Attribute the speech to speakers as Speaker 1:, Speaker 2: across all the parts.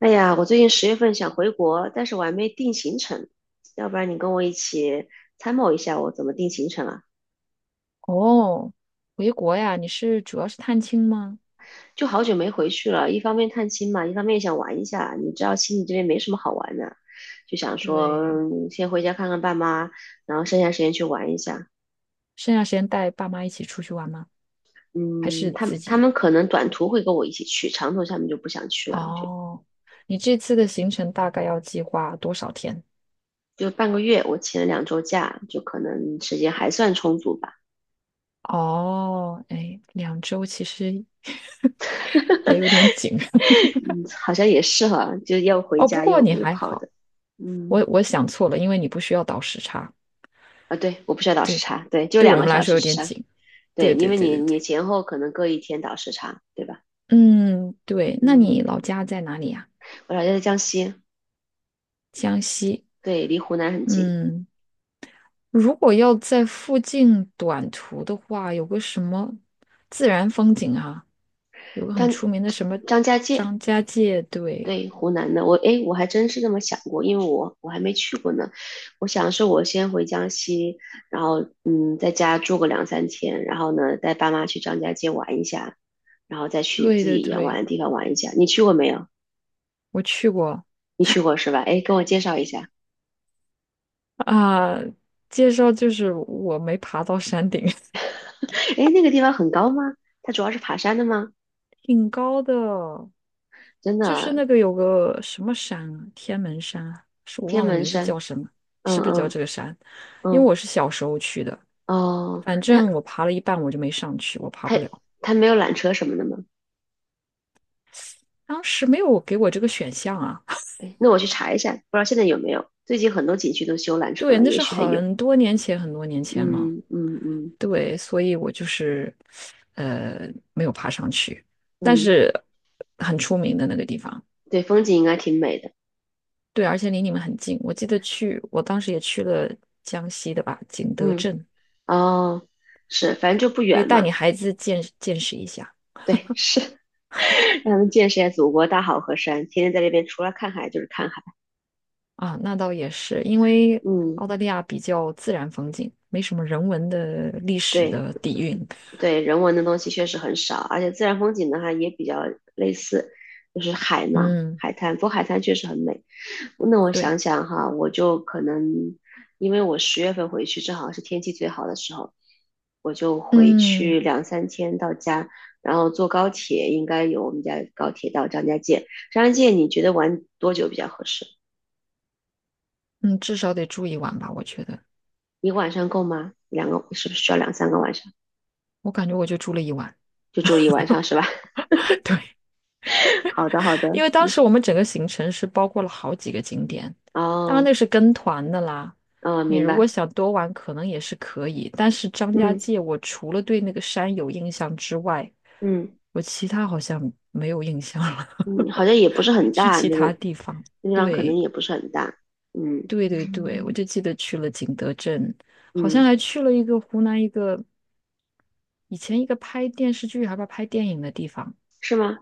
Speaker 1: 哎呀，我最近十月份想回国，但是我还没定行程，要不然你跟我一起参谋一下我怎么定行程啊？
Speaker 2: 哦，回国呀？你是主要是探亲吗？
Speaker 1: 就好久没回去了，一方面探亲嘛，一方面想玩一下。你知道悉尼这边没什么好玩的，就想说，
Speaker 2: 对，
Speaker 1: 先回家看看爸妈，然后剩下时间去玩一下。
Speaker 2: 剩下时间带爸妈一起出去玩吗？还
Speaker 1: 嗯，
Speaker 2: 是
Speaker 1: 他
Speaker 2: 自
Speaker 1: 们他
Speaker 2: 己？
Speaker 1: 们可能短途会跟我一起去，长途他们就不想去了，就
Speaker 2: 哦，你这次的行程大概要计划多少天？
Speaker 1: 就半个月，我请了2周假，就可能时间还算充足吧。
Speaker 2: 哦，哎，两周其实 也有点紧
Speaker 1: 嗯，好像也是哈，就要 回
Speaker 2: 哦。不
Speaker 1: 家
Speaker 2: 过
Speaker 1: 又
Speaker 2: 你
Speaker 1: 又
Speaker 2: 还
Speaker 1: 跑的。
Speaker 2: 好，
Speaker 1: 嗯，
Speaker 2: 我想错了，因为你不需要倒时差。
Speaker 1: 啊，对，我不需要倒时
Speaker 2: 对，
Speaker 1: 差，对，就
Speaker 2: 对我
Speaker 1: 两个
Speaker 2: 们来
Speaker 1: 小
Speaker 2: 说
Speaker 1: 时
Speaker 2: 有
Speaker 1: 时
Speaker 2: 点
Speaker 1: 差，
Speaker 2: 紧。
Speaker 1: 对，
Speaker 2: 对
Speaker 1: 因
Speaker 2: 对
Speaker 1: 为
Speaker 2: 对
Speaker 1: 你
Speaker 2: 对对，
Speaker 1: 你前后可能各一天倒时差，对吧？
Speaker 2: 嗯，对。那
Speaker 1: 嗯，
Speaker 2: 你老家在哪里呀？
Speaker 1: 我老家在江西，
Speaker 2: 江西。
Speaker 1: 对，离湖南很近，
Speaker 2: 嗯。如果要在附近短途的话，有个什么自然风景啊，有个很
Speaker 1: 张
Speaker 2: 出名的什么
Speaker 1: 张家界，
Speaker 2: 张家界，对，
Speaker 1: 对，湖南的，我诶，我还真是这么想过，因为我还没去过呢，我想是我先回江西，然后在家住个两三天，然后呢，带爸妈去张家界玩一下，然后再去
Speaker 2: 对
Speaker 1: 自
Speaker 2: 对
Speaker 1: 己想玩
Speaker 2: 对，
Speaker 1: 的地方玩一下。你去过没有？
Speaker 2: 我去过
Speaker 1: 你去过是吧？诶，跟我介绍一下。
Speaker 2: 啊。介绍就是我没爬到山顶，
Speaker 1: 哎，那个地方很高吗？它主要是爬山的吗？
Speaker 2: 挺高的，
Speaker 1: 真
Speaker 2: 就是
Speaker 1: 的，
Speaker 2: 那个有个什么山啊，天门山啊，是我
Speaker 1: 天
Speaker 2: 忘了
Speaker 1: 门
Speaker 2: 名字
Speaker 1: 山。
Speaker 2: 叫什么，
Speaker 1: 嗯
Speaker 2: 是不是叫这
Speaker 1: 嗯
Speaker 2: 个山？因为我
Speaker 1: 嗯，
Speaker 2: 是小时候去的，
Speaker 1: 哦，
Speaker 2: 反
Speaker 1: 那
Speaker 2: 正我爬了一半我就没上去，我爬不
Speaker 1: 它
Speaker 2: 了。
Speaker 1: 它没有缆车什么的吗？
Speaker 2: 当时没有给我这个选项啊。
Speaker 1: 哎，那我去查一下，不知道现在有没有。最近很多景区都修缆车
Speaker 2: 对，
Speaker 1: 了，
Speaker 2: 那
Speaker 1: 也
Speaker 2: 是
Speaker 1: 许还有。
Speaker 2: 很多年前，很多年前了。
Speaker 1: 嗯嗯嗯
Speaker 2: 对，所以我就是没有爬上去，但
Speaker 1: 嗯，
Speaker 2: 是很出名的那个地方。
Speaker 1: 对，风景应该挺美的。
Speaker 2: 对，而且离你们很近。我记得去，我当时也去了江西的吧，景德
Speaker 1: 嗯，
Speaker 2: 镇，
Speaker 1: 哦，是，反正就不
Speaker 2: 可以
Speaker 1: 远
Speaker 2: 带你
Speaker 1: 嘛。
Speaker 2: 孩子见见识一下
Speaker 1: 对，是，让他们见识一下祖国大好河山，天天在这边除了看海就是看海。
Speaker 2: 啊。那倒也是，因为
Speaker 1: 嗯，
Speaker 2: 澳大利亚比较自然风景，没什么人文的历史
Speaker 1: 对，
Speaker 2: 的底蕴。
Speaker 1: 对人文的东西确实很少，而且自然风景的话也比较类似，就是海嘛，
Speaker 2: 嗯，
Speaker 1: 海滩。不过海滩确实很美。那我
Speaker 2: 对，
Speaker 1: 想想哈，我就可能因为我十月份回去，正好是天气最好的时候，我就回
Speaker 2: 嗯
Speaker 1: 去两三天到家，然后坐高铁，应该有我们家高铁到张家界。张家界你觉得玩多久比较合适？
Speaker 2: 嗯，至少得住一晚吧，我觉得。
Speaker 1: 一个晚上够吗？两个是不是需要两三个晚上？
Speaker 2: 我感觉我就住了一晚。
Speaker 1: 就住了一晚上是吧？好的，好的。
Speaker 2: 因为当
Speaker 1: 嗯
Speaker 2: 时我们整个行程是包括了好几个景点，当然
Speaker 1: 哦，
Speaker 2: 那是跟团的啦。
Speaker 1: 嗯，
Speaker 2: 你
Speaker 1: 明
Speaker 2: 如果
Speaker 1: 白。
Speaker 2: 想多玩，可能也是可以。但是张家
Speaker 1: 嗯
Speaker 2: 界，我除了对那个山有印象之外，
Speaker 1: 嗯
Speaker 2: 我其他好像没有印象了，
Speaker 1: 嗯，好像也不是
Speaker 2: 没
Speaker 1: 很
Speaker 2: 去
Speaker 1: 大，
Speaker 2: 其他地方。
Speaker 1: 那地方可能
Speaker 2: 对，
Speaker 1: 也不是很大，嗯
Speaker 2: 对对对，我就记得去了景德镇，好
Speaker 1: 嗯，
Speaker 2: 像还去了一个湖南一个以前一个拍电视剧还不拍电影的地方，
Speaker 1: 是吗？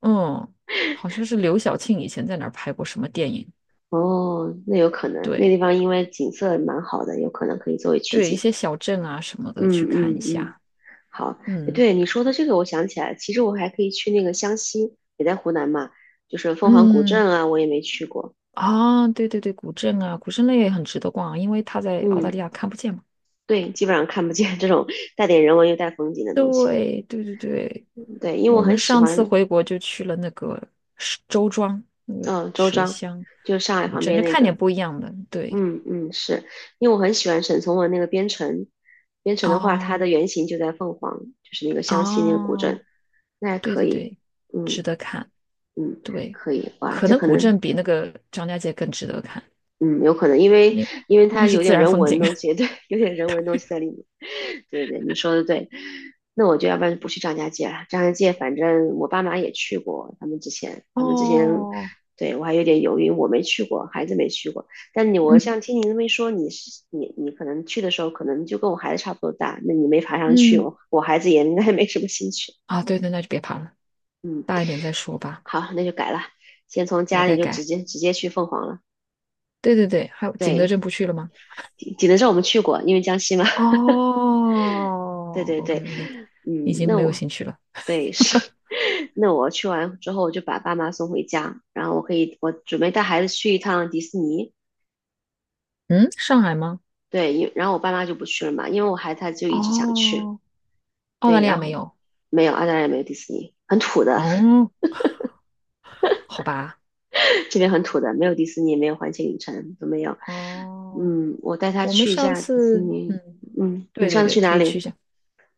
Speaker 2: 嗯，好像是刘晓庆以前在哪儿拍过什么电影。
Speaker 1: 哦，那有可能，那
Speaker 2: 对，
Speaker 1: 地方因为景色蛮好的，有可能可以作为取
Speaker 2: 对，一
Speaker 1: 景。
Speaker 2: 些小镇啊什么的去
Speaker 1: 嗯
Speaker 2: 看
Speaker 1: 嗯
Speaker 2: 一
Speaker 1: 嗯，
Speaker 2: 下。
Speaker 1: 好，诶
Speaker 2: 嗯
Speaker 1: 对你说的这个，我想起来，其实我还可以去那个湘西，也在湖南嘛，就是凤凰古
Speaker 2: 嗯，
Speaker 1: 镇啊，我也没去过。
Speaker 2: 啊，对对对，古镇啊，古镇类也很值得逛啊因为它在澳大利
Speaker 1: 嗯，
Speaker 2: 亚看不见嘛。
Speaker 1: 对，基本上看不见这种带点人文又带风景的东西。
Speaker 2: 对对对对，
Speaker 1: 对，因为我
Speaker 2: 我
Speaker 1: 很
Speaker 2: 们
Speaker 1: 喜
Speaker 2: 上次
Speaker 1: 欢，
Speaker 2: 回国就去了那个石周庄，那个
Speaker 1: 嗯、周
Speaker 2: 水
Speaker 1: 庄，
Speaker 2: 乡
Speaker 1: 就是上海
Speaker 2: 古
Speaker 1: 旁
Speaker 2: 镇，
Speaker 1: 边
Speaker 2: 就
Speaker 1: 那
Speaker 2: 看点
Speaker 1: 个，
Speaker 2: 不一样的。对，
Speaker 1: 嗯嗯，是因为我很喜欢沈从文那个《边城》，《边城》的话，它
Speaker 2: 哦
Speaker 1: 的原型就在凤凰，就是那个湘西那个古
Speaker 2: 哦，
Speaker 1: 镇，那还
Speaker 2: 对
Speaker 1: 可
Speaker 2: 对
Speaker 1: 以。
Speaker 2: 对，
Speaker 1: 嗯
Speaker 2: 值得看。
Speaker 1: 嗯，
Speaker 2: 对，
Speaker 1: 可以。哇，
Speaker 2: 可
Speaker 1: 这
Speaker 2: 能
Speaker 1: 可
Speaker 2: 古
Speaker 1: 能
Speaker 2: 镇比那个张家界更值得看，
Speaker 1: 嗯，有可能，因为
Speaker 2: 因
Speaker 1: 因为它
Speaker 2: 那是
Speaker 1: 有
Speaker 2: 自
Speaker 1: 点
Speaker 2: 然
Speaker 1: 人
Speaker 2: 风
Speaker 1: 文
Speaker 2: 景。
Speaker 1: 东西，对，有点人文东西在里面。对对对，你说的对。那我就要不然就不去张家界了。张家界反正我爸妈也去过，他们之前 他们之前
Speaker 2: 哦，
Speaker 1: 对我还有点犹豫，我没去过，孩子没去过。但你我
Speaker 2: 嗯
Speaker 1: 像听你那么一说，你是你你可能去的时候，可能就跟我孩子差不多大，那你没爬上去，
Speaker 2: 嗯。
Speaker 1: 我孩子也应该没什么兴趣。
Speaker 2: 啊，对对，那就别爬了，
Speaker 1: 嗯，
Speaker 2: 大一点再说吧。
Speaker 1: 好，那就改了，先从家
Speaker 2: 改
Speaker 1: 里
Speaker 2: 改
Speaker 1: 就直
Speaker 2: 改，
Speaker 1: 接直接去凤凰了。
Speaker 2: 对对对，还有景德
Speaker 1: 对，
Speaker 2: 镇不去了吗？
Speaker 1: 济南是我们去过，因为江西嘛。对
Speaker 2: 哦
Speaker 1: 对对，
Speaker 2: ，OK OK，已
Speaker 1: 嗯，
Speaker 2: 经
Speaker 1: 那
Speaker 2: 没有
Speaker 1: 我
Speaker 2: 兴趣了。
Speaker 1: 对是，那我去完之后我就把爸妈送回家，然后我可以我准备带孩子去一趟迪士尼，
Speaker 2: 嗯，上海吗？
Speaker 1: 对，然后我爸妈就不去了嘛，因为我孩子他就一直想去，
Speaker 2: 哦，澳大
Speaker 1: 对，
Speaker 2: 利亚
Speaker 1: 然
Speaker 2: 没
Speaker 1: 后
Speaker 2: 有。
Speaker 1: 没有，澳大利亚没有迪士尼，很土的，
Speaker 2: 哦，好吧。
Speaker 1: 这边很土的，没有迪士尼，没有环球影城都没有，
Speaker 2: 哦，
Speaker 1: 嗯，我带他
Speaker 2: 我们
Speaker 1: 去一
Speaker 2: 上
Speaker 1: 下迪士
Speaker 2: 次，
Speaker 1: 尼，
Speaker 2: 嗯，
Speaker 1: 嗯，你
Speaker 2: 对
Speaker 1: 上
Speaker 2: 对
Speaker 1: 次
Speaker 2: 对，
Speaker 1: 去
Speaker 2: 可
Speaker 1: 哪
Speaker 2: 以去一
Speaker 1: 里？
Speaker 2: 下，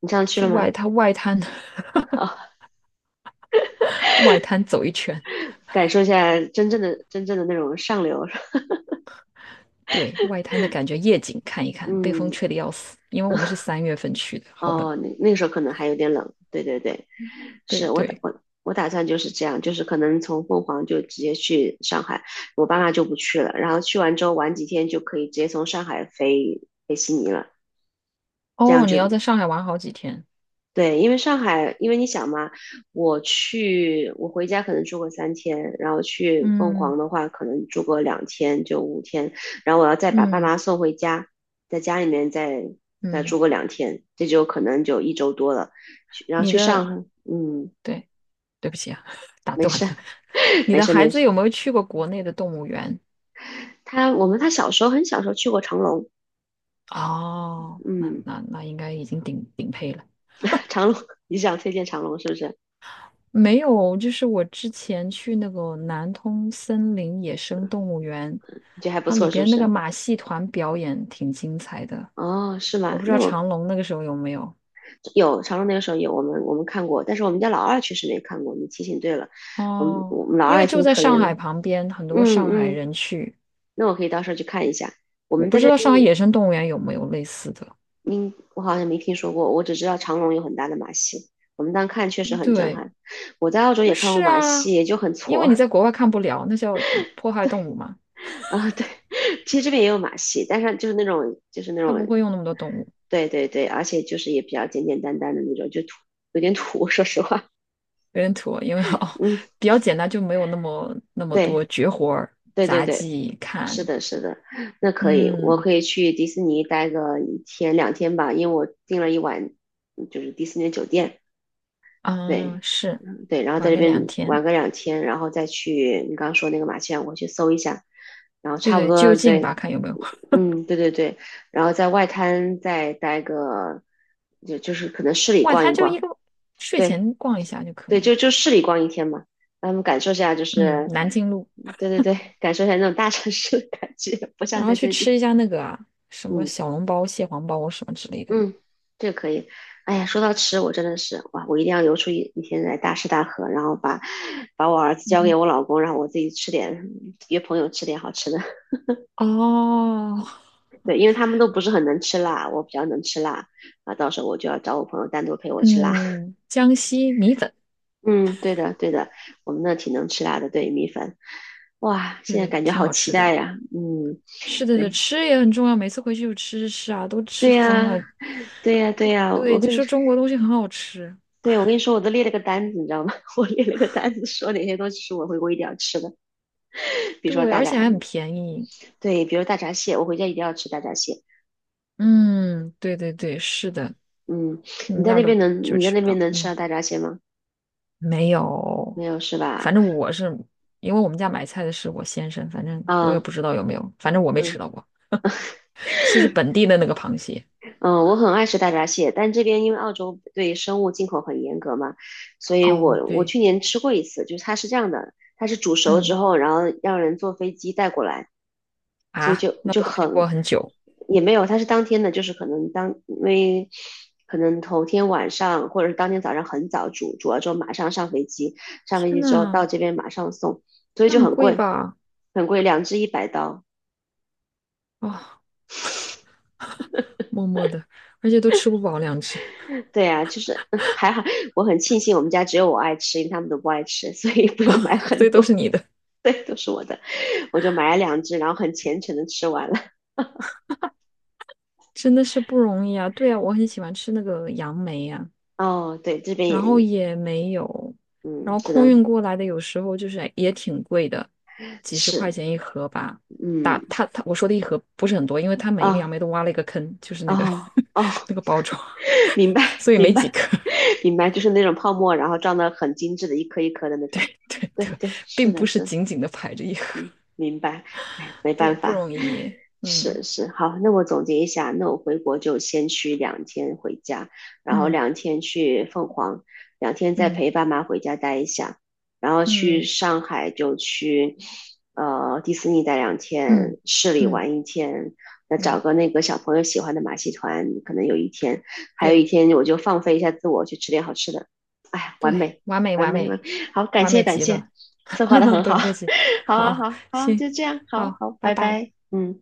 Speaker 1: 你上次去
Speaker 2: 去
Speaker 1: 了吗？
Speaker 2: 外滩外滩
Speaker 1: 好，
Speaker 2: 外滩走一圈。
Speaker 1: 感受一下真正的那种上流，
Speaker 2: 对，外滩的感觉，夜景看一 看，被风
Speaker 1: 嗯，
Speaker 2: 吹得要死，因为我们是三月份去的，好冷。
Speaker 1: 哦，那个时候可能还有点冷，对对对，
Speaker 2: 对
Speaker 1: 是我打
Speaker 2: 对。
Speaker 1: 我我打算就是这样，就是可能从凤凰就直接去上海，我爸妈就不去了，然后去完之后玩几天就可以直接从上海飞悉尼了，这样
Speaker 2: 哦，你要
Speaker 1: 就
Speaker 2: 在上海玩好几天。
Speaker 1: 对，因为上海，因为你想嘛，我去，我回家可能住个三天，然后去凤
Speaker 2: 嗯
Speaker 1: 凰的话，可能住个两天就5天，然后我要再把爸
Speaker 2: 嗯
Speaker 1: 妈送回家，在家里面再住
Speaker 2: 嗯，
Speaker 1: 个两天，这就可能就一周多了。去，然后
Speaker 2: 你
Speaker 1: 去上
Speaker 2: 的，
Speaker 1: 海，嗯，
Speaker 2: 对，对不起啊，打
Speaker 1: 没
Speaker 2: 断了。
Speaker 1: 事，
Speaker 2: 你
Speaker 1: 没
Speaker 2: 的
Speaker 1: 事，
Speaker 2: 孩
Speaker 1: 没
Speaker 2: 子
Speaker 1: 事。
Speaker 2: 有没有去过国内的动物园？
Speaker 1: 他我们他小时候很小时候去过长隆，
Speaker 2: 哦，那
Speaker 1: 嗯，
Speaker 2: 那那应该已经顶顶配了。
Speaker 1: 长隆，你想推荐长隆是不是？
Speaker 2: 没有，就是我之前去那个南通森林野生动物园，
Speaker 1: 你觉得还不
Speaker 2: 它里
Speaker 1: 错是不
Speaker 2: 边那个
Speaker 1: 是？
Speaker 2: 马戏团表演挺精彩的。
Speaker 1: 哦，是吗？
Speaker 2: 我不知
Speaker 1: 那
Speaker 2: 道
Speaker 1: 我
Speaker 2: 长隆那个时候有没有。
Speaker 1: 有长隆那个时候有我们看过，但是我们家老二确实没看过。你提醒对了，我们
Speaker 2: 哦，
Speaker 1: 我们老
Speaker 2: 因
Speaker 1: 二也
Speaker 2: 为就
Speaker 1: 挺
Speaker 2: 在
Speaker 1: 可
Speaker 2: 上
Speaker 1: 怜的。
Speaker 2: 海旁边，很多
Speaker 1: 嗯
Speaker 2: 上海
Speaker 1: 嗯，
Speaker 2: 人去。
Speaker 1: 那我可以到时候去看一下。我
Speaker 2: 我
Speaker 1: 们
Speaker 2: 不
Speaker 1: 在
Speaker 2: 知
Speaker 1: 这
Speaker 2: 道上海
Speaker 1: 边，
Speaker 2: 野生动物园有没有类似的。
Speaker 1: 嗯，我好像没听说过，我只知道长隆有很大的马戏，我们当看确实很震
Speaker 2: 对，
Speaker 1: 撼。我在澳洲
Speaker 2: 但
Speaker 1: 也看过
Speaker 2: 是
Speaker 1: 马
Speaker 2: 啊，
Speaker 1: 戏，也就很
Speaker 2: 因为
Speaker 1: 挫
Speaker 2: 你在国外看不了，那叫迫害动物嘛，
Speaker 1: 啊。对，其实这边也有马戏，但是就是那种就是那
Speaker 2: 它不
Speaker 1: 种
Speaker 2: 会用那么多动物，
Speaker 1: 对对对，而且就是也比较简简单单的那种，就土有点土。说实话，
Speaker 2: 有点土，因为哦
Speaker 1: 嗯，
Speaker 2: 比较简单，就没有那么
Speaker 1: 对
Speaker 2: 多绝活儿、
Speaker 1: 对对
Speaker 2: 杂
Speaker 1: 对。
Speaker 2: 技
Speaker 1: 是
Speaker 2: 看。
Speaker 1: 的，是的，那可以，我
Speaker 2: 嗯
Speaker 1: 可以去迪士尼待个一天两天吧，因为我订了一晚，就是迪士尼的酒店，
Speaker 2: 嗯，
Speaker 1: 对，
Speaker 2: 是
Speaker 1: 嗯，对，然后在
Speaker 2: 玩
Speaker 1: 这
Speaker 2: 个两
Speaker 1: 边
Speaker 2: 天，
Speaker 1: 玩个两天，然后再去你刚刚说那个马戏团，我去搜一下，然后
Speaker 2: 对
Speaker 1: 差不
Speaker 2: 对，
Speaker 1: 多，
Speaker 2: 就近吧，
Speaker 1: 对，
Speaker 2: 看有没有。
Speaker 1: 嗯，对对对，然后在外滩再待个，就就是可能市里
Speaker 2: 外
Speaker 1: 逛
Speaker 2: 滩
Speaker 1: 一
Speaker 2: 就一
Speaker 1: 逛，
Speaker 2: 个睡
Speaker 1: 对
Speaker 2: 前逛一下就可
Speaker 1: 对，
Speaker 2: 以。
Speaker 1: 就就市里逛一天嘛，让他们感受一下，就
Speaker 2: 嗯，
Speaker 1: 是，
Speaker 2: 南京路，
Speaker 1: 对对对，感受一下那种大城市的感觉，不
Speaker 2: 然
Speaker 1: 像
Speaker 2: 后
Speaker 1: 在
Speaker 2: 去
Speaker 1: 这里，
Speaker 2: 吃一下那个啊，什么
Speaker 1: 嗯。
Speaker 2: 小笼包、蟹黄包什么之类的。
Speaker 1: 嗯，这个可以。哎呀，说到吃，我真的是哇，我一定要留出一天来大吃大喝，然后把我儿子交给
Speaker 2: 嗯
Speaker 1: 我老公，让我自己吃点，约朋友吃点好吃的。
Speaker 2: 哦，
Speaker 1: 对，因为他们都不是很能吃辣，我比较能吃辣啊，到时候我就要找我朋友单独陪我吃辣。
Speaker 2: 嗯，江西米粉。
Speaker 1: 嗯，对的，对的，我们那挺能吃辣的，对，米粉。哇，
Speaker 2: 对
Speaker 1: 现在
Speaker 2: 对，
Speaker 1: 感觉
Speaker 2: 挺
Speaker 1: 好
Speaker 2: 好
Speaker 1: 期
Speaker 2: 吃的。
Speaker 1: 待呀。嗯，
Speaker 2: 是的，对，
Speaker 1: 对，
Speaker 2: 吃也很重要。每次回去就吃吃吃啊，都吃
Speaker 1: 对
Speaker 2: 疯了。
Speaker 1: 呀，对呀，对呀，我
Speaker 2: 对，
Speaker 1: 跟
Speaker 2: 就
Speaker 1: 你，
Speaker 2: 说中国东西很好吃，
Speaker 1: 对，我跟你说，我都列了个单子，你知道吗？我列了个单子，说哪些东西是我回国一定要吃的。比如说
Speaker 2: 对，
Speaker 1: 大
Speaker 2: 而
Speaker 1: 闸，
Speaker 2: 且还很便宜。
Speaker 1: 对，比如大闸蟹，我回家一定要吃大闸蟹。
Speaker 2: 嗯，对对对，是的，
Speaker 1: 嗯，你
Speaker 2: 嗯，
Speaker 1: 在
Speaker 2: 那
Speaker 1: 那
Speaker 2: 儿都
Speaker 1: 边能
Speaker 2: 就
Speaker 1: 你在
Speaker 2: 吃
Speaker 1: 那
Speaker 2: 不
Speaker 1: 边
Speaker 2: 到。
Speaker 1: 能吃到
Speaker 2: 嗯，
Speaker 1: 大闸蟹吗？
Speaker 2: 没有，
Speaker 1: 没有是吧？
Speaker 2: 反正我是因为我们家买菜的是我先生，反正我也
Speaker 1: 啊，
Speaker 2: 不知道有没有，反正我没吃
Speaker 1: 嗯
Speaker 2: 到过。吃是本地的那个螃蟹。
Speaker 1: 嗯，我很爱吃大闸蟹，但这边因为澳洲对生物进口很严格嘛，所以
Speaker 2: 哦，
Speaker 1: 我
Speaker 2: 对，
Speaker 1: 去年吃过一次，就是它是这样的，它是煮熟之
Speaker 2: 嗯
Speaker 1: 后，然后让人坐飞机带过来。所以
Speaker 2: 啊，
Speaker 1: 就
Speaker 2: 那
Speaker 1: 就
Speaker 2: 不都已经过
Speaker 1: 很
Speaker 2: 了很久？
Speaker 1: 也没有，他是当天的，就是可能因为可能头天晚上或者是当天早上很早煮了之后马上上飞机，上飞
Speaker 2: 天
Speaker 1: 机之后到
Speaker 2: 呐，
Speaker 1: 这边马上送，所以
Speaker 2: 那
Speaker 1: 就
Speaker 2: 很
Speaker 1: 很
Speaker 2: 贵
Speaker 1: 贵，
Speaker 2: 吧？
Speaker 1: 很贵，两只100刀。
Speaker 2: 哦，默默的，而且都吃不饱两只，
Speaker 1: 对啊，就是 还好，我很庆幸我们家只有我爱吃，因为他们都不爱吃，所以不用买
Speaker 2: 所
Speaker 1: 很
Speaker 2: 以都是
Speaker 1: 多。
Speaker 2: 你的，
Speaker 1: 对，都是我的，我就买了两只，然后很虔诚的吃完了。
Speaker 2: 真的是不容易啊。对啊，我很喜欢吃那个杨梅呀、
Speaker 1: 哦，对，这边
Speaker 2: 然
Speaker 1: 也，
Speaker 2: 后也没有，然
Speaker 1: 嗯，
Speaker 2: 后
Speaker 1: 只
Speaker 2: 空
Speaker 1: 能
Speaker 2: 运过来的有时候就是也挺贵的，几十块
Speaker 1: 吃。
Speaker 2: 钱一盒吧。打
Speaker 1: 嗯，
Speaker 2: 他他我说的一盒不是很多，因为他每一个杨
Speaker 1: 啊、
Speaker 2: 梅都挖了一个坑，就是
Speaker 1: 哦，
Speaker 2: 那个
Speaker 1: 哦，哦，
Speaker 2: 那个包装，
Speaker 1: 明白，
Speaker 2: 所以没
Speaker 1: 明
Speaker 2: 几
Speaker 1: 白，
Speaker 2: 颗。
Speaker 1: 明白，就是那种泡沫，然后装的很精致的，一颗一颗的那种。
Speaker 2: 对
Speaker 1: 对
Speaker 2: 对，
Speaker 1: 对，是
Speaker 2: 并
Speaker 1: 的
Speaker 2: 不是
Speaker 1: 是，
Speaker 2: 紧紧的排着一盒，
Speaker 1: 嗯，明白。哎，没办
Speaker 2: 对，不
Speaker 1: 法。
Speaker 2: 容易。嗯
Speaker 1: 是是，好，那我总结一下，那我回国就先去两天回家，然后
Speaker 2: 嗯
Speaker 1: 两天去凤凰，两天再
Speaker 2: 嗯
Speaker 1: 陪爸妈回家待一下，然后去
Speaker 2: 嗯
Speaker 1: 上海就去，呃，迪士尼待两天，
Speaker 2: 嗯
Speaker 1: 市里
Speaker 2: 嗯
Speaker 1: 玩一天，再找
Speaker 2: 嗯。
Speaker 1: 个那个小朋友喜欢的马戏团，可能有一天，还有一
Speaker 2: 对
Speaker 1: 天我就放飞一下自我，去吃点好吃的，哎，完
Speaker 2: 对，
Speaker 1: 美，
Speaker 2: 完美
Speaker 1: 完
Speaker 2: 完
Speaker 1: 美，完
Speaker 2: 美
Speaker 1: 美好，感
Speaker 2: 完
Speaker 1: 谢
Speaker 2: 美
Speaker 1: 感
Speaker 2: 极
Speaker 1: 谢，
Speaker 2: 了，
Speaker 1: 策划的很
Speaker 2: 不
Speaker 1: 好，
Speaker 2: 用客气。
Speaker 1: 好啊，好
Speaker 2: 好，
Speaker 1: 好，
Speaker 2: 行，
Speaker 1: 就这样，好
Speaker 2: 好，
Speaker 1: 好，
Speaker 2: 拜
Speaker 1: 拜
Speaker 2: 拜。
Speaker 1: 拜，嗯。